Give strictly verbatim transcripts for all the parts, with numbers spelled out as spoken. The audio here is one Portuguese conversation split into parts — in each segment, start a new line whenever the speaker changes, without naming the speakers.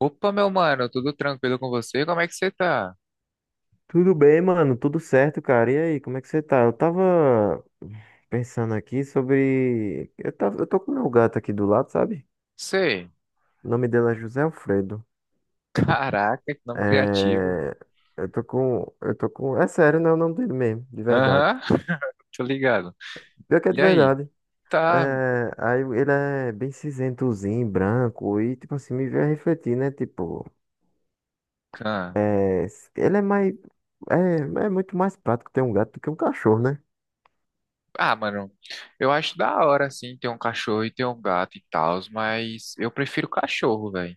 Opa, meu mano, tudo tranquilo com você? Como é que você tá?
Tudo bem, mano? Tudo certo, cara? E aí, como é que você tá? Eu tava pensando aqui sobre. Eu, tava... eu tô com meu gato aqui do lado, sabe?
Sei.
O nome dele é José Alfredo.
Caraca, que nome criativo.
É... Eu tô com. Eu tô com. É sério, né? O nome dele mesmo, de verdade.
Aham, tô ligado.
Pior que é de
E aí?
verdade.
Tá.
É... Aí ele é bem cinzentozinho, branco, e tipo assim, me veio a refletir, né? Tipo,
Ah,
é... ele é mais. É... é muito mais prático ter um gato do que um cachorro, né?
ah, Mano, eu acho da hora, assim, ter um cachorro e ter um gato e tal, mas eu prefiro cachorro, velho.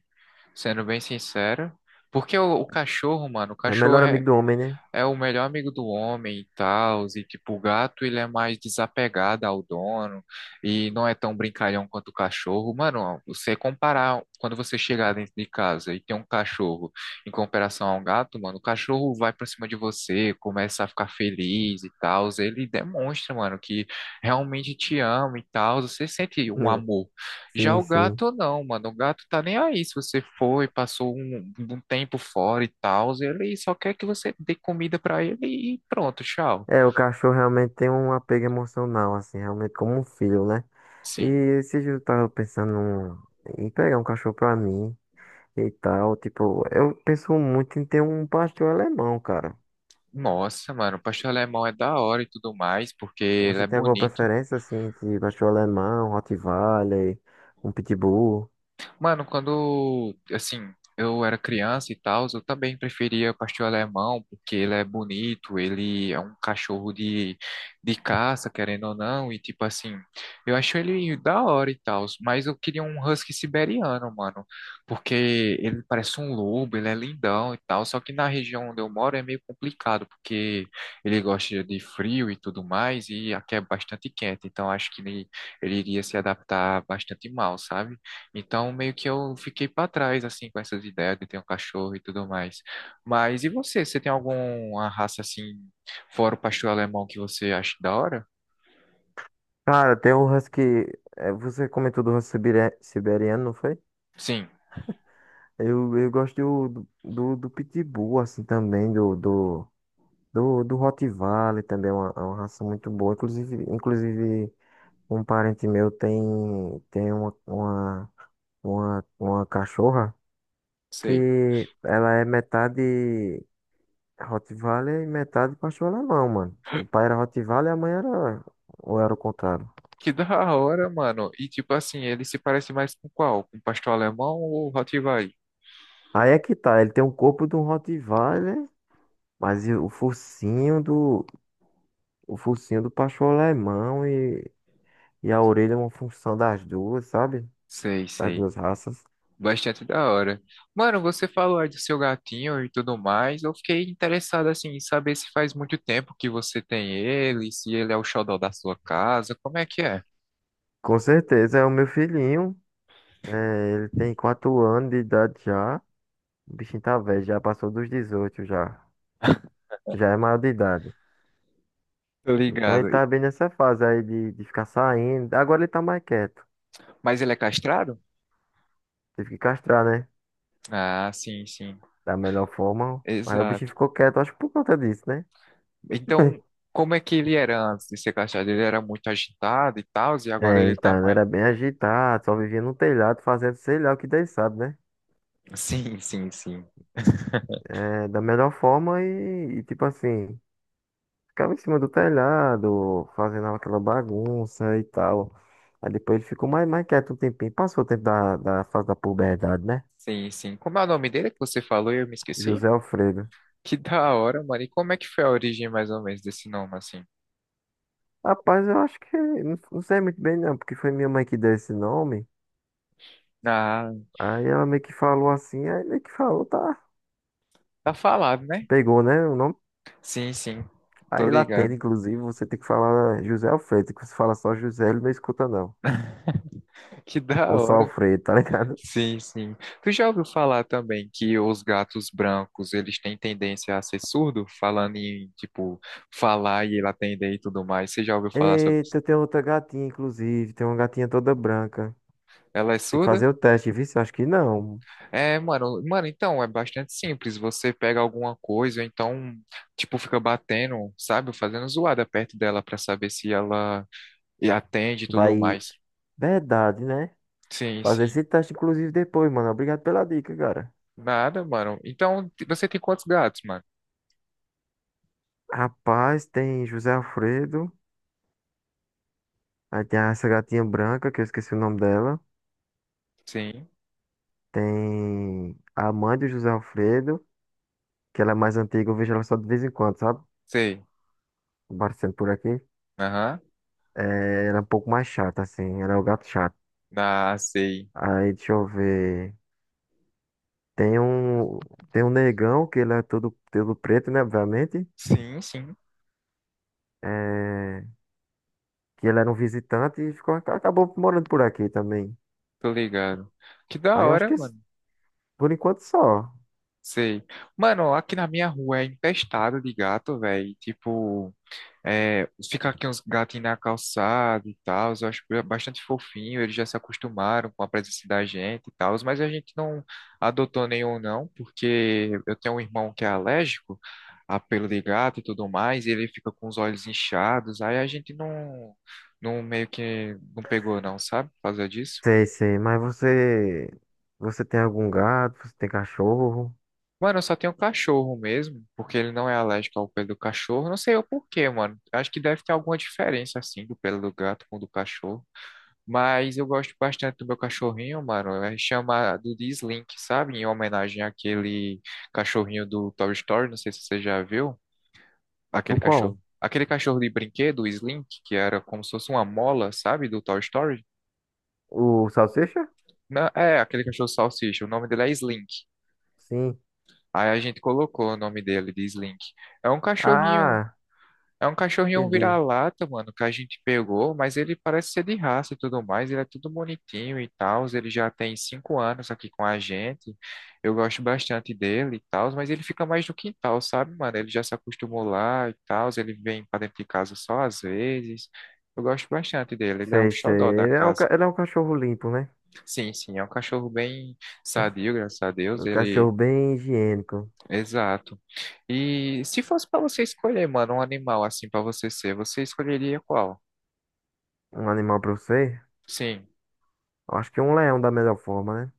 Sendo bem sincero. Porque o, o cachorro, mano, o
É
cachorro
melhor
é,
amigo do homem, né?
é o melhor amigo do homem e tal, e tipo, o gato ele é mais desapegado ao dono e não é tão brincalhão quanto o cachorro. Mano, você comparar quando você chegar dentro de casa e tem um cachorro em comparação a um gato, mano, o cachorro vai pra cima de você, começa a ficar feliz e tal, ele demonstra, mano, que realmente te ama e tal, você sente um amor. Já
Sim,
o
sim.
gato não, mano. O gato tá nem aí. Se você foi, passou um, um tempo fora e tal, ele só quer que você dê comida pra ele e pronto, tchau.
É, o cachorro realmente tem um apego emocional, assim, realmente como um filho, né? E
Sim.
esse dia eu tava pensando num- em pegar um cachorro pra mim e tal, tipo, eu penso muito em ter um pastor alemão, cara.
Nossa, mano, o pastor alemão é da hora e tudo mais, porque ele
Você
é
tem alguma
bonito.
preferência, assim, entre pastor alemão, Rottweiler, um pitbull?
Mano, quando, assim, eu era criança e tal, eu também preferia pastor alemão, porque ele é bonito, ele é um cachorro de, de caça, querendo ou não, e tipo assim, eu acho ele da hora e tal, mas eu queria um husky siberiano, mano, porque ele parece um lobo, ele é lindão e tal, só que na região onde eu moro é meio complicado, porque ele gosta de frio e tudo mais, e aqui é bastante quente, então acho que ele, ele iria se adaptar bastante mal, sabe? Então, meio que eu fiquei para trás, assim, com essas ideias de ter um cachorro e tudo mais. Mas e você? Você tem alguma raça, assim, fora o pastor alemão que você acha da hora?
Cara, tem o husky, é, você comentou do husky siberia- siberiano, não foi?
Sim,
Eu, eu gosto do, do, do pitbull, assim, também, do, do Do, do Rottweiler também é uma, é uma raça muito boa. Inclusive, inclusive um parente meu tem, tem uma, uma, uma, uma cachorra
sei.
que ela é metade Rottweiler e metade pastor alemão, mano. O pai era Rottweiler e a mãe era... Ou era o contrário?
Que da hora, mano. E, tipo assim, ele se parece mais com qual? Com o pastor alemão ou o Rottweiler?
Aí é que tá, ele tem o corpo de um Rottweiler, mas e o focinho do... O focinho do pastor alemão e, e a orelha é uma função das duas, sabe?
Sei,
Das
sei.
duas raças.
Bastante da hora. Mano, você falou aí do seu gatinho e tudo mais. Eu fiquei interessado, assim, em saber se faz muito tempo que você tem ele, se ele é o xodó da sua casa, como é que é?
Com certeza, é o meu filhinho. É, ele tem quatro anos de idade já. O bichinho tá velho, já passou dos dezoito já. Já é maior de idade.
Tô
Então ele
ligado.
tá bem nessa fase aí de, de ficar saindo. Agora ele tá mais quieto.
Mas ele é castrado?
Teve que castrar, né?
Ah, sim, sim.
Da melhor forma. Aí o bichinho
Exato.
ficou quieto, acho que por conta disso, né?
Então, como é que ele era antes de ser castrado? Ele era muito agitado e tal, e agora
É,
ele tá
então, ele
mais.
era bem agitado, só vivia no telhado fazendo sei lá o que Deus sabe, né?
Sim, sim, sim.
É, da melhor forma e, e tipo assim. Ficava em cima do telhado, fazendo aquela bagunça e tal. Aí depois ele ficou mais, mais quieto um tempinho. Passou o tempo da, da fase da puberdade, né?
Sim, sim. Como é o nome dele que você falou e eu me esqueci?
José Alfredo.
Que da hora, mano. E como é que foi a origem mais ou menos desse nome, assim?
Rapaz, eu acho que. Não, não sei muito bem, não, porque foi minha mãe que deu esse nome.
Ah,
Aí ela meio que falou assim, aí meio que falou, tá.
tá falado, né?
Pegou, né? O nome.
Sim, sim. Tô
Aí lá tem,
ligado.
inclusive, você tem que falar José Alfredo. Que você fala só José, ele não escuta, não.
Que da
Ou só
hora.
Alfredo, tá ligado?
Sim, sim. Tu já ouviu falar também que os gatos brancos, eles têm tendência a ser surdo, falando em, tipo, falar e ele atender e tudo mais. Você já ouviu falar sobre isso?
Eita, tem outra gatinha, inclusive. Tem uma gatinha toda branca.
Ela é
Tem que
surda?
fazer o teste, viu? Eu acho que não.
É, mano, mano, então é bastante simples. Você pega alguma coisa, então, tipo, fica batendo, sabe? Fazendo zoada perto dela pra saber se ela atende e tudo
Vai.
mais.
Verdade, né?
Sim,
Fazer
sim.
esse teste, inclusive, depois, mano. Obrigado pela dica, cara.
Nada, mano. Então, t- você tem quantos gatos, mano?
Rapaz, tem José Alfredo. Aí tem essa gatinha branca, que eu esqueci o nome dela.
Sim,
Tem a mãe do José Alfredo, que ela é mais antiga, eu vejo ela só de vez em quando, sabe?
sei.
Aparecendo por aqui.
Aham.
É, ela é um pouco mais chata, assim. Ela é o gato chato.
Ah, sei.
Aí, deixa eu ver. Tem um, tem um negão, que ele é todo, todo preto, né? Obviamente.
Sim, sim.
É. Que ele era um visitante e ficou, acabou morando por aqui também.
Tô ligado. Que da
Aí eu acho
hora,
que s-
mano.
por enquanto só.
Sei. Mano, aqui na minha rua é infestado de gato, velho. Tipo, é, fica aqui uns gatinhos na calçada e tal. Eu acho bastante fofinho. Eles já se acostumaram com a presença da gente e tal. Mas a gente não adotou nenhum, não, porque eu tenho um irmão que é alérgico a pelo de gato e tudo mais. E ele fica com os olhos inchados. Aí a gente não, não meio que não pegou, não, sabe? Por causa disso.
Sei, sei, mas você você tem algum gato, você tem cachorro?
Mano, eu só tenho cachorro mesmo, porque ele não é alérgico ao pelo do cachorro. Não sei o porquê, mano. Acho que deve ter alguma diferença, assim, do pelo do gato com o do cachorro. Mas eu gosto bastante do meu cachorrinho, mano. É chamado de Slink, sabe? Em homenagem àquele cachorrinho do Toy Story. Não sei se você já viu
O
aquele
qual?
cachorro. Aquele cachorro de brinquedo, o Slink, que era como se fosse uma mola, sabe? Do Toy Story.
O salsicha?
Não, é, aquele cachorro salsicha. O nome dele é Slink.
Sim.
Aí a gente colocou o nome dele de Slink. É um cachorrinho.
Ah,
É um cachorrinho
entendi.
vira-lata, mano, que a gente pegou, mas ele parece ser de raça e tudo mais, ele é tudo bonitinho e tal, ele já tem cinco anos aqui com a gente, eu gosto bastante dele e tal, mas ele fica mais no quintal, sabe, mano? Ele já se acostumou lá e tal, ele vem pra dentro de casa só às vezes, eu gosto bastante dele, ele é o
Sei, sei.
xodó da
Ele é um,
casa.
ca- ele é um cachorro limpo, né?
Sim, sim, é um cachorro bem sadio, graças a Deus,
Um
ele...
cachorro bem higiênico.
Exato. E se fosse pra você escolher, mano, um animal assim pra você ser, você escolheria qual?
Um animal pra você?
Sim.
Eu acho que um leão da melhor forma, né?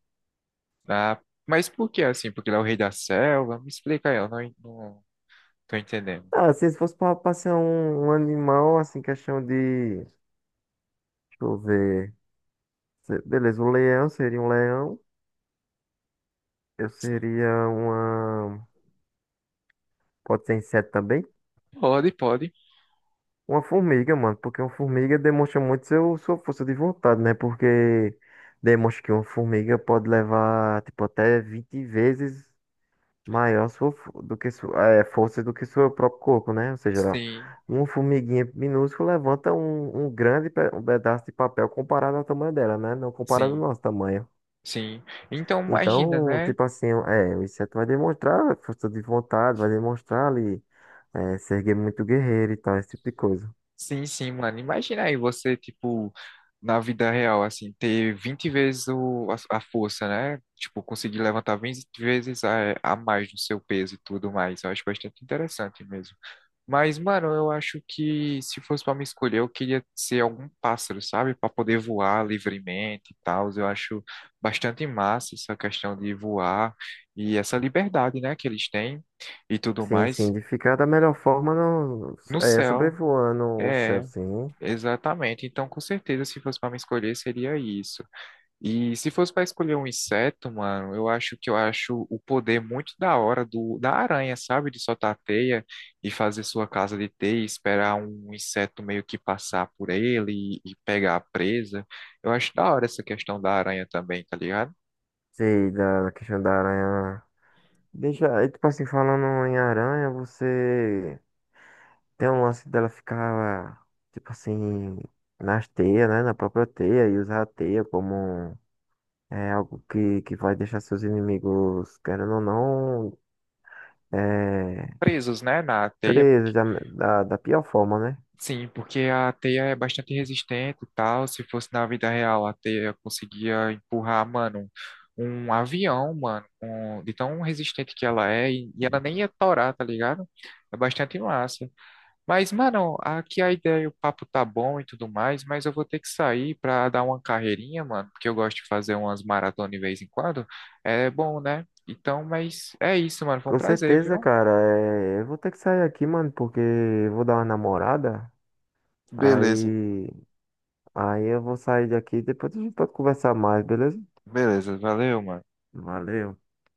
Ah, mas por que assim? Porque ele é o rei da selva? Me explica aí, eu não, não tô entendendo.
Ah, assim, se fosse pra, pra ser um, um animal, assim, questão de. Deixa eu ver. Se- Beleza, um leão seria um leão. Eu seria uma. Pode ser inseto também?
Pode, pode.
Uma formiga, mano. Porque uma formiga demonstra muito seu, sua força de vontade, né? Porque demonstra que uma formiga pode levar, tipo, até vinte vezes maior sua, fo- do que sua, é, força do que seu próprio corpo, né? Ou seja, ela-
Sim,
uma formiguinha minúscula levanta um, um grande pe- um pedaço de papel comparado ao tamanho dela, né? Não comparado ao
sim,
nosso tamanho.
sim. Então imagina,
Então,
né?
tipo assim, é, o inseto vai demonstrar força de vontade, vai demonstrar ali. É, se erguer muito guerreiro e tal, esse tipo de coisa.
Sim, sim, mano. Imagina aí você, tipo, na vida real, assim, ter vinte vezes o, a, a força, né? Tipo, conseguir levantar vinte vezes a, a mais do seu peso e tudo mais. Eu acho bastante interessante mesmo. Mas, mano, eu acho que se fosse pra me escolher, eu queria ser algum pássaro, sabe? Pra poder voar livremente e tal. Eu acho bastante massa essa questão de voar e essa liberdade, né, que eles têm e tudo
Sim,
mais
sim, de ficar da melhor forma no, so-
no
é,
céu.
sobrevoando o céu,
É,
sim.
exatamente. Então, com certeza, se fosse pra me escolher, seria isso. E se fosse para escolher um inseto, mano, eu acho que eu acho o poder muito da hora do da aranha, sabe? De soltar a teia e fazer sua casa de teia, e esperar um inseto meio que passar por ele e, e pegar a presa. Eu acho da hora essa questão da aranha também, tá ligado?
Sei, da, da questão da aranha. Deixa, aí tipo assim, falando em aranha, você tem um lance dela ficar, tipo assim, nas teias, né? Na própria teia e usar a teia como é, algo que, que vai deixar seus inimigos, querendo ou não, é,
Presos, né, na teia.
presos da, da, da pior forma, né?
Sim, porque a teia é bastante resistente e tal. Se fosse na vida real, a teia conseguia empurrar, mano, um avião, mano, com- de tão resistente que ela é, e, e ela nem ia torar, tá ligado? É bastante massa. Mas, mano, aqui a ideia, o papo tá bom e tudo mais, mas eu vou ter que sair pra dar uma carreirinha, mano, porque eu gosto de fazer umas maratonas de vez em quando. É bom, né? Então, mas é isso, mano. Foi um
Com
prazer,
certeza,
viu?
cara. É, eu vou ter que sair aqui, mano, porque eu vou dar uma namorada.
Beleza,
Aí, aí eu vou sair daqui. Depois a gente pode conversar mais, beleza?
beleza, valeu, mano.
Valeu.